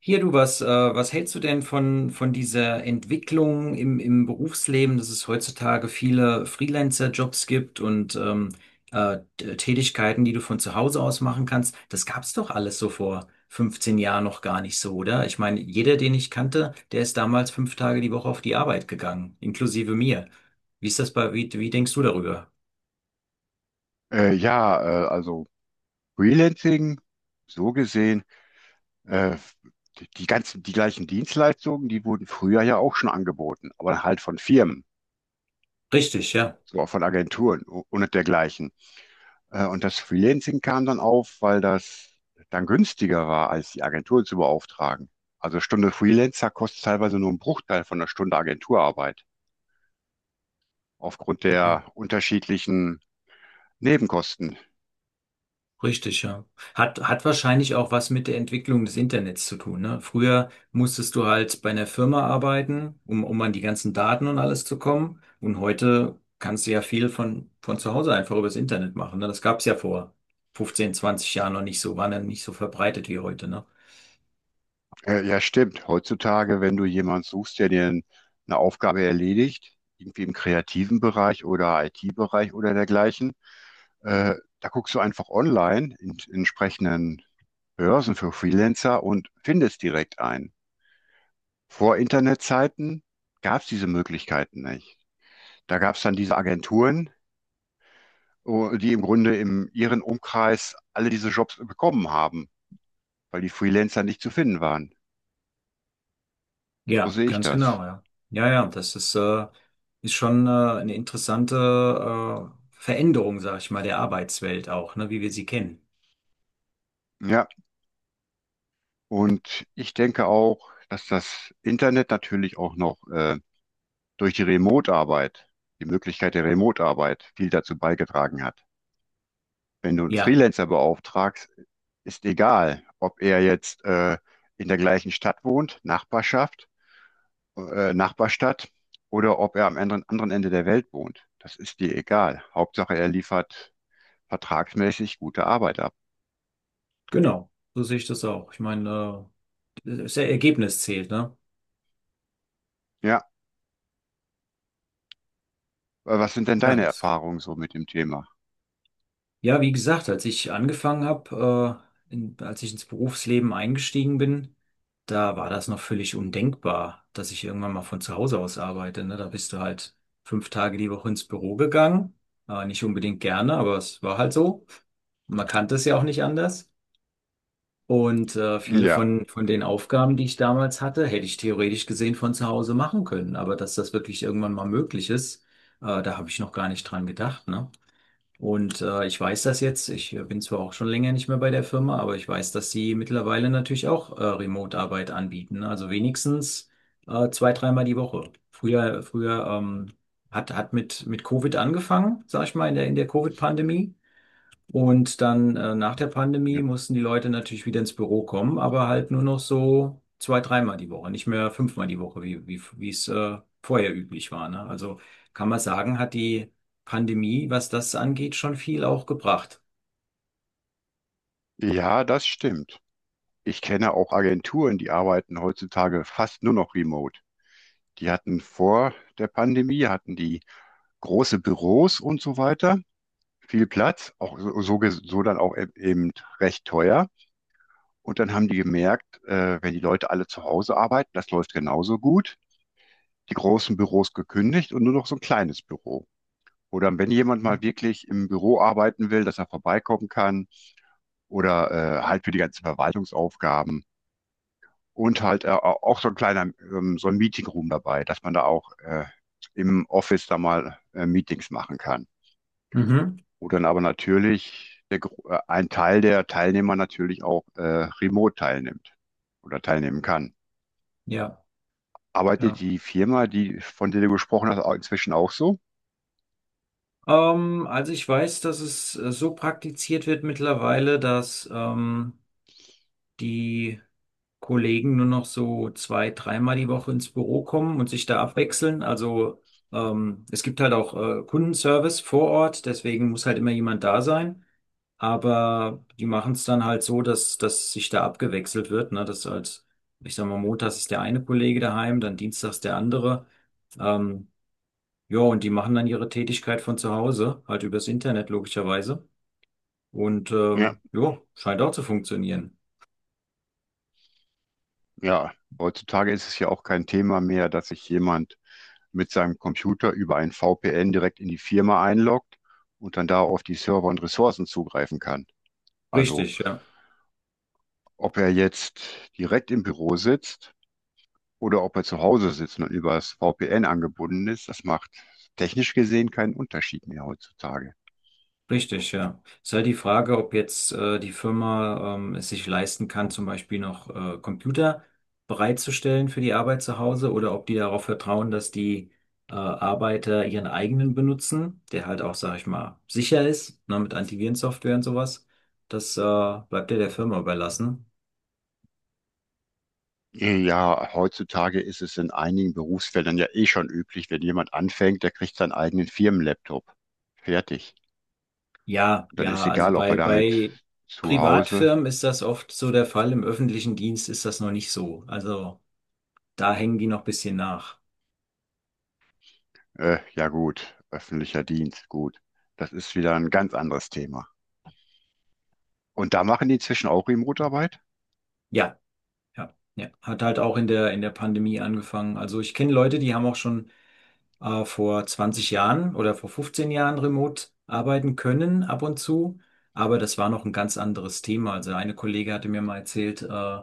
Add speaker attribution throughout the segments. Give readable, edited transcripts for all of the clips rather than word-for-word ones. Speaker 1: Hier, du, was hältst du denn von dieser Entwicklung im Berufsleben, dass es heutzutage viele Freelancer-Jobs gibt und Tätigkeiten, die du von zu Hause aus machen kannst? Das gab es doch alles so vor 15 Jahren noch gar nicht so, oder? Ich meine, jeder, den ich kannte, der ist damals 5 Tage die Woche auf die Arbeit gegangen, inklusive mir. Wie ist das wie denkst du darüber?
Speaker 2: Ja, also Freelancing, so gesehen, äh, die gleichen Dienstleistungen, die wurden früher ja auch schon angeboten, aber halt von Firmen,
Speaker 1: Richtig, ja.
Speaker 2: so auch von Agenturen und dergleichen. Und das Freelancing kam dann auf, weil das dann günstiger war, als die Agentur zu beauftragen. Also Stunde Freelancer kostet teilweise nur einen Bruchteil von einer Stunde Agenturarbeit, aufgrund
Speaker 1: Ja.
Speaker 2: der unterschiedlichen Nebenkosten.
Speaker 1: Richtig, ja. Hat wahrscheinlich auch was mit der Entwicklung des Internets zu tun, ne? Früher musstest du halt bei einer Firma arbeiten, um an die ganzen Daten und alles zu kommen. Und heute kannst du ja viel von zu Hause einfach übers Internet machen, ne? Das gab es ja vor 15, 20 Jahren noch nicht so, war dann nicht so verbreitet wie heute, ne?
Speaker 2: Ja, stimmt. Heutzutage, wenn du jemanden suchst, der dir eine Aufgabe erledigt, irgendwie im kreativen Bereich oder IT-Bereich oder dergleichen, äh, da guckst du einfach online in entsprechenden Börsen für Freelancer und findest direkt einen. Vor Internetzeiten gab es diese Möglichkeiten nicht. Da gab es dann diese Agenturen, oh, die im Grunde in ihren Umkreis alle diese Jobs bekommen haben, weil die Freelancer nicht zu finden waren. So
Speaker 1: Ja,
Speaker 2: sehe ich
Speaker 1: ganz
Speaker 2: das.
Speaker 1: genau, ja. Das ist schon, eine interessante, Veränderung, sag ich mal, der Arbeitswelt auch, ne? Wie wir sie kennen.
Speaker 2: Ja. Und ich denke auch, dass das Internet natürlich auch noch durch die Remote-Arbeit, die Möglichkeit der Remote-Arbeit viel dazu beigetragen hat. Wenn du einen
Speaker 1: Ja.
Speaker 2: Freelancer beauftragst, ist egal, ob er jetzt in der gleichen Stadt wohnt, Nachbarschaft, Nachbarstadt, oder ob er am anderen Ende der Welt wohnt. Das ist dir egal. Hauptsache, er liefert vertragsmäßig gute Arbeit ab.
Speaker 1: Genau, so sehe ich das auch. Ich meine, das Ergebnis zählt, ne?
Speaker 2: Ja, was sind denn
Speaker 1: Ja,
Speaker 2: deine
Speaker 1: das.
Speaker 2: Erfahrungen so mit dem Thema?
Speaker 1: Ja, wie gesagt, als ich angefangen habe, als ich ins Berufsleben eingestiegen bin, da war das noch völlig undenkbar, dass ich irgendwann mal von zu Hause aus arbeite, ne? Da bist du halt 5 Tage die Woche ins Büro gegangen. Nicht unbedingt gerne, aber es war halt so. Man kannte es ja auch nicht anders. Und viele
Speaker 2: Ja,
Speaker 1: von den Aufgaben, die ich damals hatte, hätte ich theoretisch gesehen von zu Hause machen können. Aber dass das wirklich irgendwann mal möglich ist, da habe ich noch gar nicht dran gedacht, ne? Und ich weiß das jetzt, ich bin zwar auch schon länger nicht mehr bei der Firma, aber ich weiß, dass sie mittlerweile natürlich auch Remote-Arbeit anbieten, ne? Also wenigstens 2, 3-mal die Woche. Früher mit Covid angefangen, sag ich mal, in der Covid-Pandemie. Und dann nach der
Speaker 2: ja,
Speaker 1: Pandemie mussten die Leute natürlich wieder ins Büro kommen, aber halt nur noch so 2, 3-mal die Woche, nicht mehr 5-mal die Woche, wie es vorher üblich war, ne? Also kann man sagen, hat die Pandemie, was das angeht, schon viel auch gebracht.
Speaker 2: ja, das stimmt. Ich kenne auch Agenturen, die arbeiten heutzutage fast nur noch remote. Die hatten vor der Pandemie, hatten die große Büros und so weiter, viel Platz, auch so dann auch eben recht teuer. Und dann haben die gemerkt, wenn die Leute alle zu Hause arbeiten, das läuft genauso gut. Die großen Büros gekündigt und nur noch so ein kleines Büro. Oder wenn jemand mal wirklich im Büro arbeiten will, dass er vorbeikommen kann oder halt für die ganzen Verwaltungsaufgaben und halt auch so ein kleiner, so ein Meeting Room dabei, dass man da auch im Office da mal Meetings machen kann.
Speaker 1: Mhm.
Speaker 2: Wo dann aber natürlich ein Teil der Teilnehmer natürlich auch remote teilnimmt oder teilnehmen kann.
Speaker 1: Ja,
Speaker 2: Arbeitet
Speaker 1: ja.
Speaker 2: die Firma, die, von der du gesprochen hast, auch inzwischen auch so?
Speaker 1: Also ich weiß, dass es so praktiziert wird mittlerweile, dass die Kollegen nur noch so 2, 3-mal die Woche ins Büro kommen und sich da abwechseln. Also es gibt halt auch Kundenservice vor Ort, deswegen muss halt immer jemand da sein. Aber die machen es dann halt so, dass sich da abgewechselt wird, ne? Dass halt, ich sag mal, montags ist der eine Kollege daheim, dann dienstags der andere. Ähm, ja, und die machen dann ihre Tätigkeit von zu Hause, halt übers Internet logischerweise. Und
Speaker 2: Ja,
Speaker 1: ja, scheint auch zu funktionieren.
Speaker 2: ja. Heutzutage ist es ja auch kein Thema mehr, dass sich jemand mit seinem Computer über ein VPN direkt in die Firma einloggt und dann da auf die Server und Ressourcen zugreifen kann. Also
Speaker 1: Richtig, ja.
Speaker 2: ob er jetzt direkt im Büro sitzt oder ob er zu Hause sitzt und übers VPN angebunden ist, das macht technisch gesehen keinen Unterschied mehr heutzutage.
Speaker 1: Richtig, ja. Es ist halt die Frage, ob jetzt die Firma es sich leisten kann, zum Beispiel noch Computer bereitzustellen für die Arbeit zu Hause oder ob die darauf vertrauen, dass die Arbeiter ihren eigenen benutzen, der halt auch, sag ich mal, sicher ist, ne, mit Antivirensoftware und sowas. Das bleibt ja der Firma überlassen.
Speaker 2: Ja, heutzutage ist es in einigen Berufsfeldern ja eh schon üblich, wenn jemand anfängt, der kriegt seinen eigenen Firmenlaptop. Fertig.
Speaker 1: Ja,
Speaker 2: Dann ist
Speaker 1: ja, also
Speaker 2: egal, ob er
Speaker 1: bei,
Speaker 2: damit
Speaker 1: bei
Speaker 2: zu Hause,
Speaker 1: Privatfirmen ist das oft so der Fall, im öffentlichen Dienst ist das noch nicht so. Also da hängen die noch ein bisschen nach.
Speaker 2: ja gut, öffentlicher Dienst, gut. Das ist wieder ein ganz anderes Thema. Und da machen die inzwischen auch Remote-Arbeit?
Speaker 1: Ja. Ja, ja, hat halt auch in der Pandemie angefangen. Also ich kenne Leute, die haben auch schon vor 20 Jahren oder vor 15 Jahren remote arbeiten können ab und zu, aber das war noch ein ganz anderes Thema. Also eine Kollegin hatte mir mal erzählt,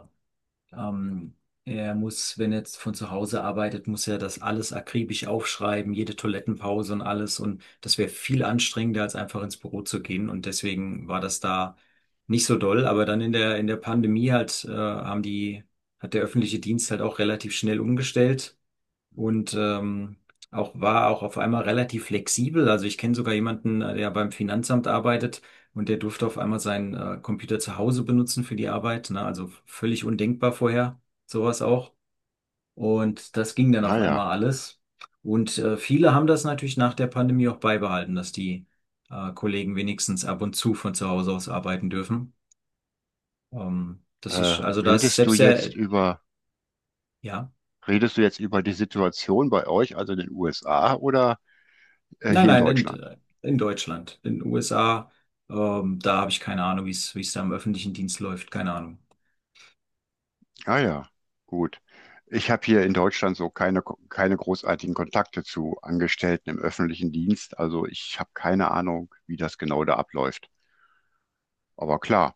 Speaker 1: ähm, er muss, wenn er jetzt von zu Hause arbeitet, muss er das alles akribisch aufschreiben, jede Toilettenpause und alles. Und das wäre viel anstrengender, als einfach ins Büro zu gehen. Und deswegen war das da nicht so doll. Aber dann in der Pandemie halt, hat der öffentliche Dienst halt auch relativ schnell umgestellt und auch war auch auf einmal relativ flexibel. Also ich kenne sogar jemanden, der beim Finanzamt arbeitet und der durfte auf einmal seinen Computer zu Hause benutzen für die Arbeit. Ne? Also völlig undenkbar vorher, sowas auch. Und das ging dann auf
Speaker 2: Naja,
Speaker 1: einmal alles. Und viele haben das natürlich nach der Pandemie auch beibehalten, dass die Kollegen wenigstens ab und zu von zu Hause aus arbeiten dürfen. Das ist,
Speaker 2: äh,
Speaker 1: also das
Speaker 2: redest du
Speaker 1: selbst
Speaker 2: jetzt
Speaker 1: der,
Speaker 2: über
Speaker 1: ja.
Speaker 2: Redest du jetzt über die Situation bei euch, also in den USA oder
Speaker 1: Nein,
Speaker 2: hier in
Speaker 1: nein,
Speaker 2: Deutschland?
Speaker 1: in Deutschland. In den USA, da habe ich keine Ahnung, wie es da im öffentlichen Dienst läuft. Keine Ahnung.
Speaker 2: Ah ja, gut. Ich habe hier in Deutschland so keine großartigen Kontakte zu Angestellten im öffentlichen Dienst. Also ich habe keine Ahnung, wie das genau da abläuft. Aber klar,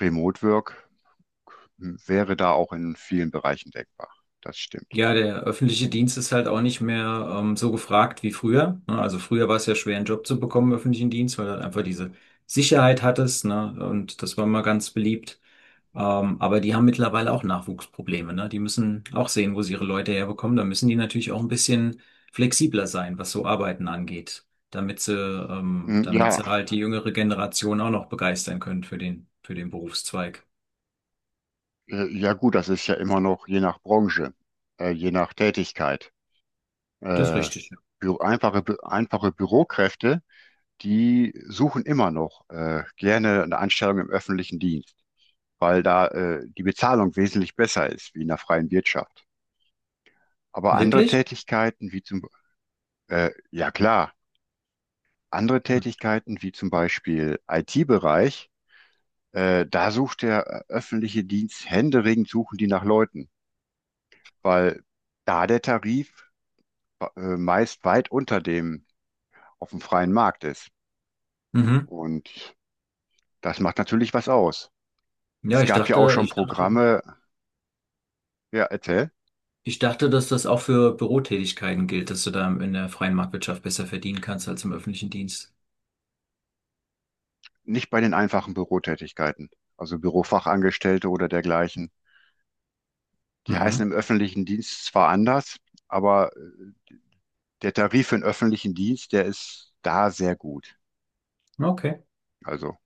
Speaker 2: Remote Work hm, wäre da auch in vielen Bereichen denkbar. Das stimmt.
Speaker 1: Ja, der öffentliche Dienst ist halt auch nicht mehr so gefragt wie früher, ne? Also früher war es ja schwer, einen Job zu bekommen im öffentlichen Dienst, weil du halt einfach diese Sicherheit hattest, ne? Und das war mal ganz beliebt. Aber die haben mittlerweile auch Nachwuchsprobleme, ne? Die müssen auch sehen, wo sie ihre Leute herbekommen. Da müssen die natürlich auch ein bisschen flexibler sein, was so Arbeiten angeht, damit sie, ähm,
Speaker 2: Hm,
Speaker 1: damit
Speaker 2: ja,
Speaker 1: sie halt die jüngere Generation auch noch begeistern können für für den Berufszweig.
Speaker 2: ja gut, das ist ja immer noch je nach Branche, je nach Tätigkeit.
Speaker 1: Das ist
Speaker 2: Äh,
Speaker 1: richtig, ja.
Speaker 2: bü Einfache, bü einfache Bürokräfte, die suchen immer noch gerne eine Anstellung im öffentlichen Dienst, weil da die Bezahlung wesentlich besser ist wie in der freien Wirtschaft. Aber andere
Speaker 1: Wirklich?
Speaker 2: Tätigkeiten, ja klar, andere
Speaker 1: Hm.
Speaker 2: Tätigkeiten wie zum Beispiel IT-Bereich, da sucht der öffentliche Dienst händeringend suchen die nach Leuten, weil da der Tarif meist weit unter dem auf dem freien Markt ist.
Speaker 1: Mhm.
Speaker 2: Und das macht natürlich was aus.
Speaker 1: Ja,
Speaker 2: Es
Speaker 1: ich
Speaker 2: gab ja auch
Speaker 1: dachte,
Speaker 2: schon
Speaker 1: ich dachte,
Speaker 2: Programme, ja, erzähl.
Speaker 1: Ich dachte, dass das auch für Bürotätigkeiten gilt, dass du da in der freien Marktwirtschaft besser verdienen kannst als im öffentlichen Dienst.
Speaker 2: Nicht bei den einfachen Bürotätigkeiten, also Bürofachangestellte oder dergleichen. Die heißen
Speaker 1: Mhm.
Speaker 2: im öffentlichen Dienst zwar anders, aber der Tarif für den öffentlichen Dienst, der ist da sehr gut.
Speaker 1: Okay.
Speaker 2: Also,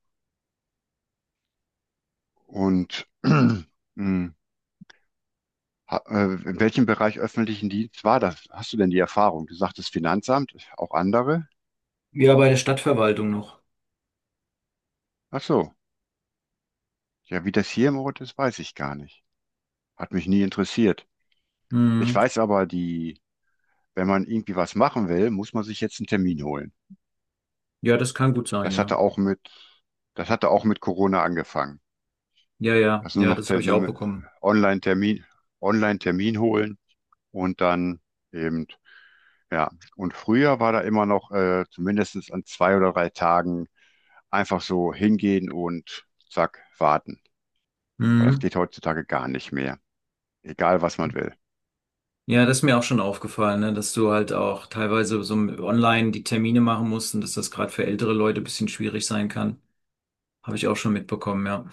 Speaker 2: und in welchem Bereich öffentlichen Dienst war das? Hast du denn die Erfahrung? Du sagtest Finanzamt, auch andere?
Speaker 1: Ja, bei der Stadtverwaltung noch.
Speaker 2: Ach so. Ja, wie das hier im Ort ist, weiß ich gar nicht. Hat mich nie interessiert. Ich
Speaker 1: Mhm.
Speaker 2: weiß aber, die, wenn man irgendwie was machen will, muss man sich jetzt einen Termin holen.
Speaker 1: Ja, das kann gut sein,
Speaker 2: Das hatte
Speaker 1: ja.
Speaker 2: auch mit, das hatte auch mit Corona angefangen.
Speaker 1: Ja, ja,
Speaker 2: Also nur
Speaker 1: ja,
Speaker 2: noch
Speaker 1: das
Speaker 2: der,
Speaker 1: habe ich auch
Speaker 2: ne,
Speaker 1: bekommen.
Speaker 2: Online-Termin, Online-Termin holen und dann eben, ja. Und früher war da immer noch zumindest an zwei oder drei Tagen einfach so hingehen und zack, warten. Aber das
Speaker 1: Mhm.
Speaker 2: geht heutzutage gar nicht mehr. Egal, was man will.
Speaker 1: Ja, das ist mir auch schon aufgefallen, ne, dass du halt auch teilweise so online die Termine machen musst und dass das gerade für ältere Leute ein bisschen schwierig sein kann. Habe ich auch schon mitbekommen, ja.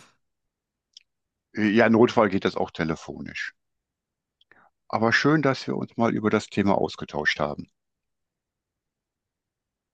Speaker 2: Ja, im Notfall geht das auch telefonisch. Aber schön, dass wir uns mal über das Thema ausgetauscht haben.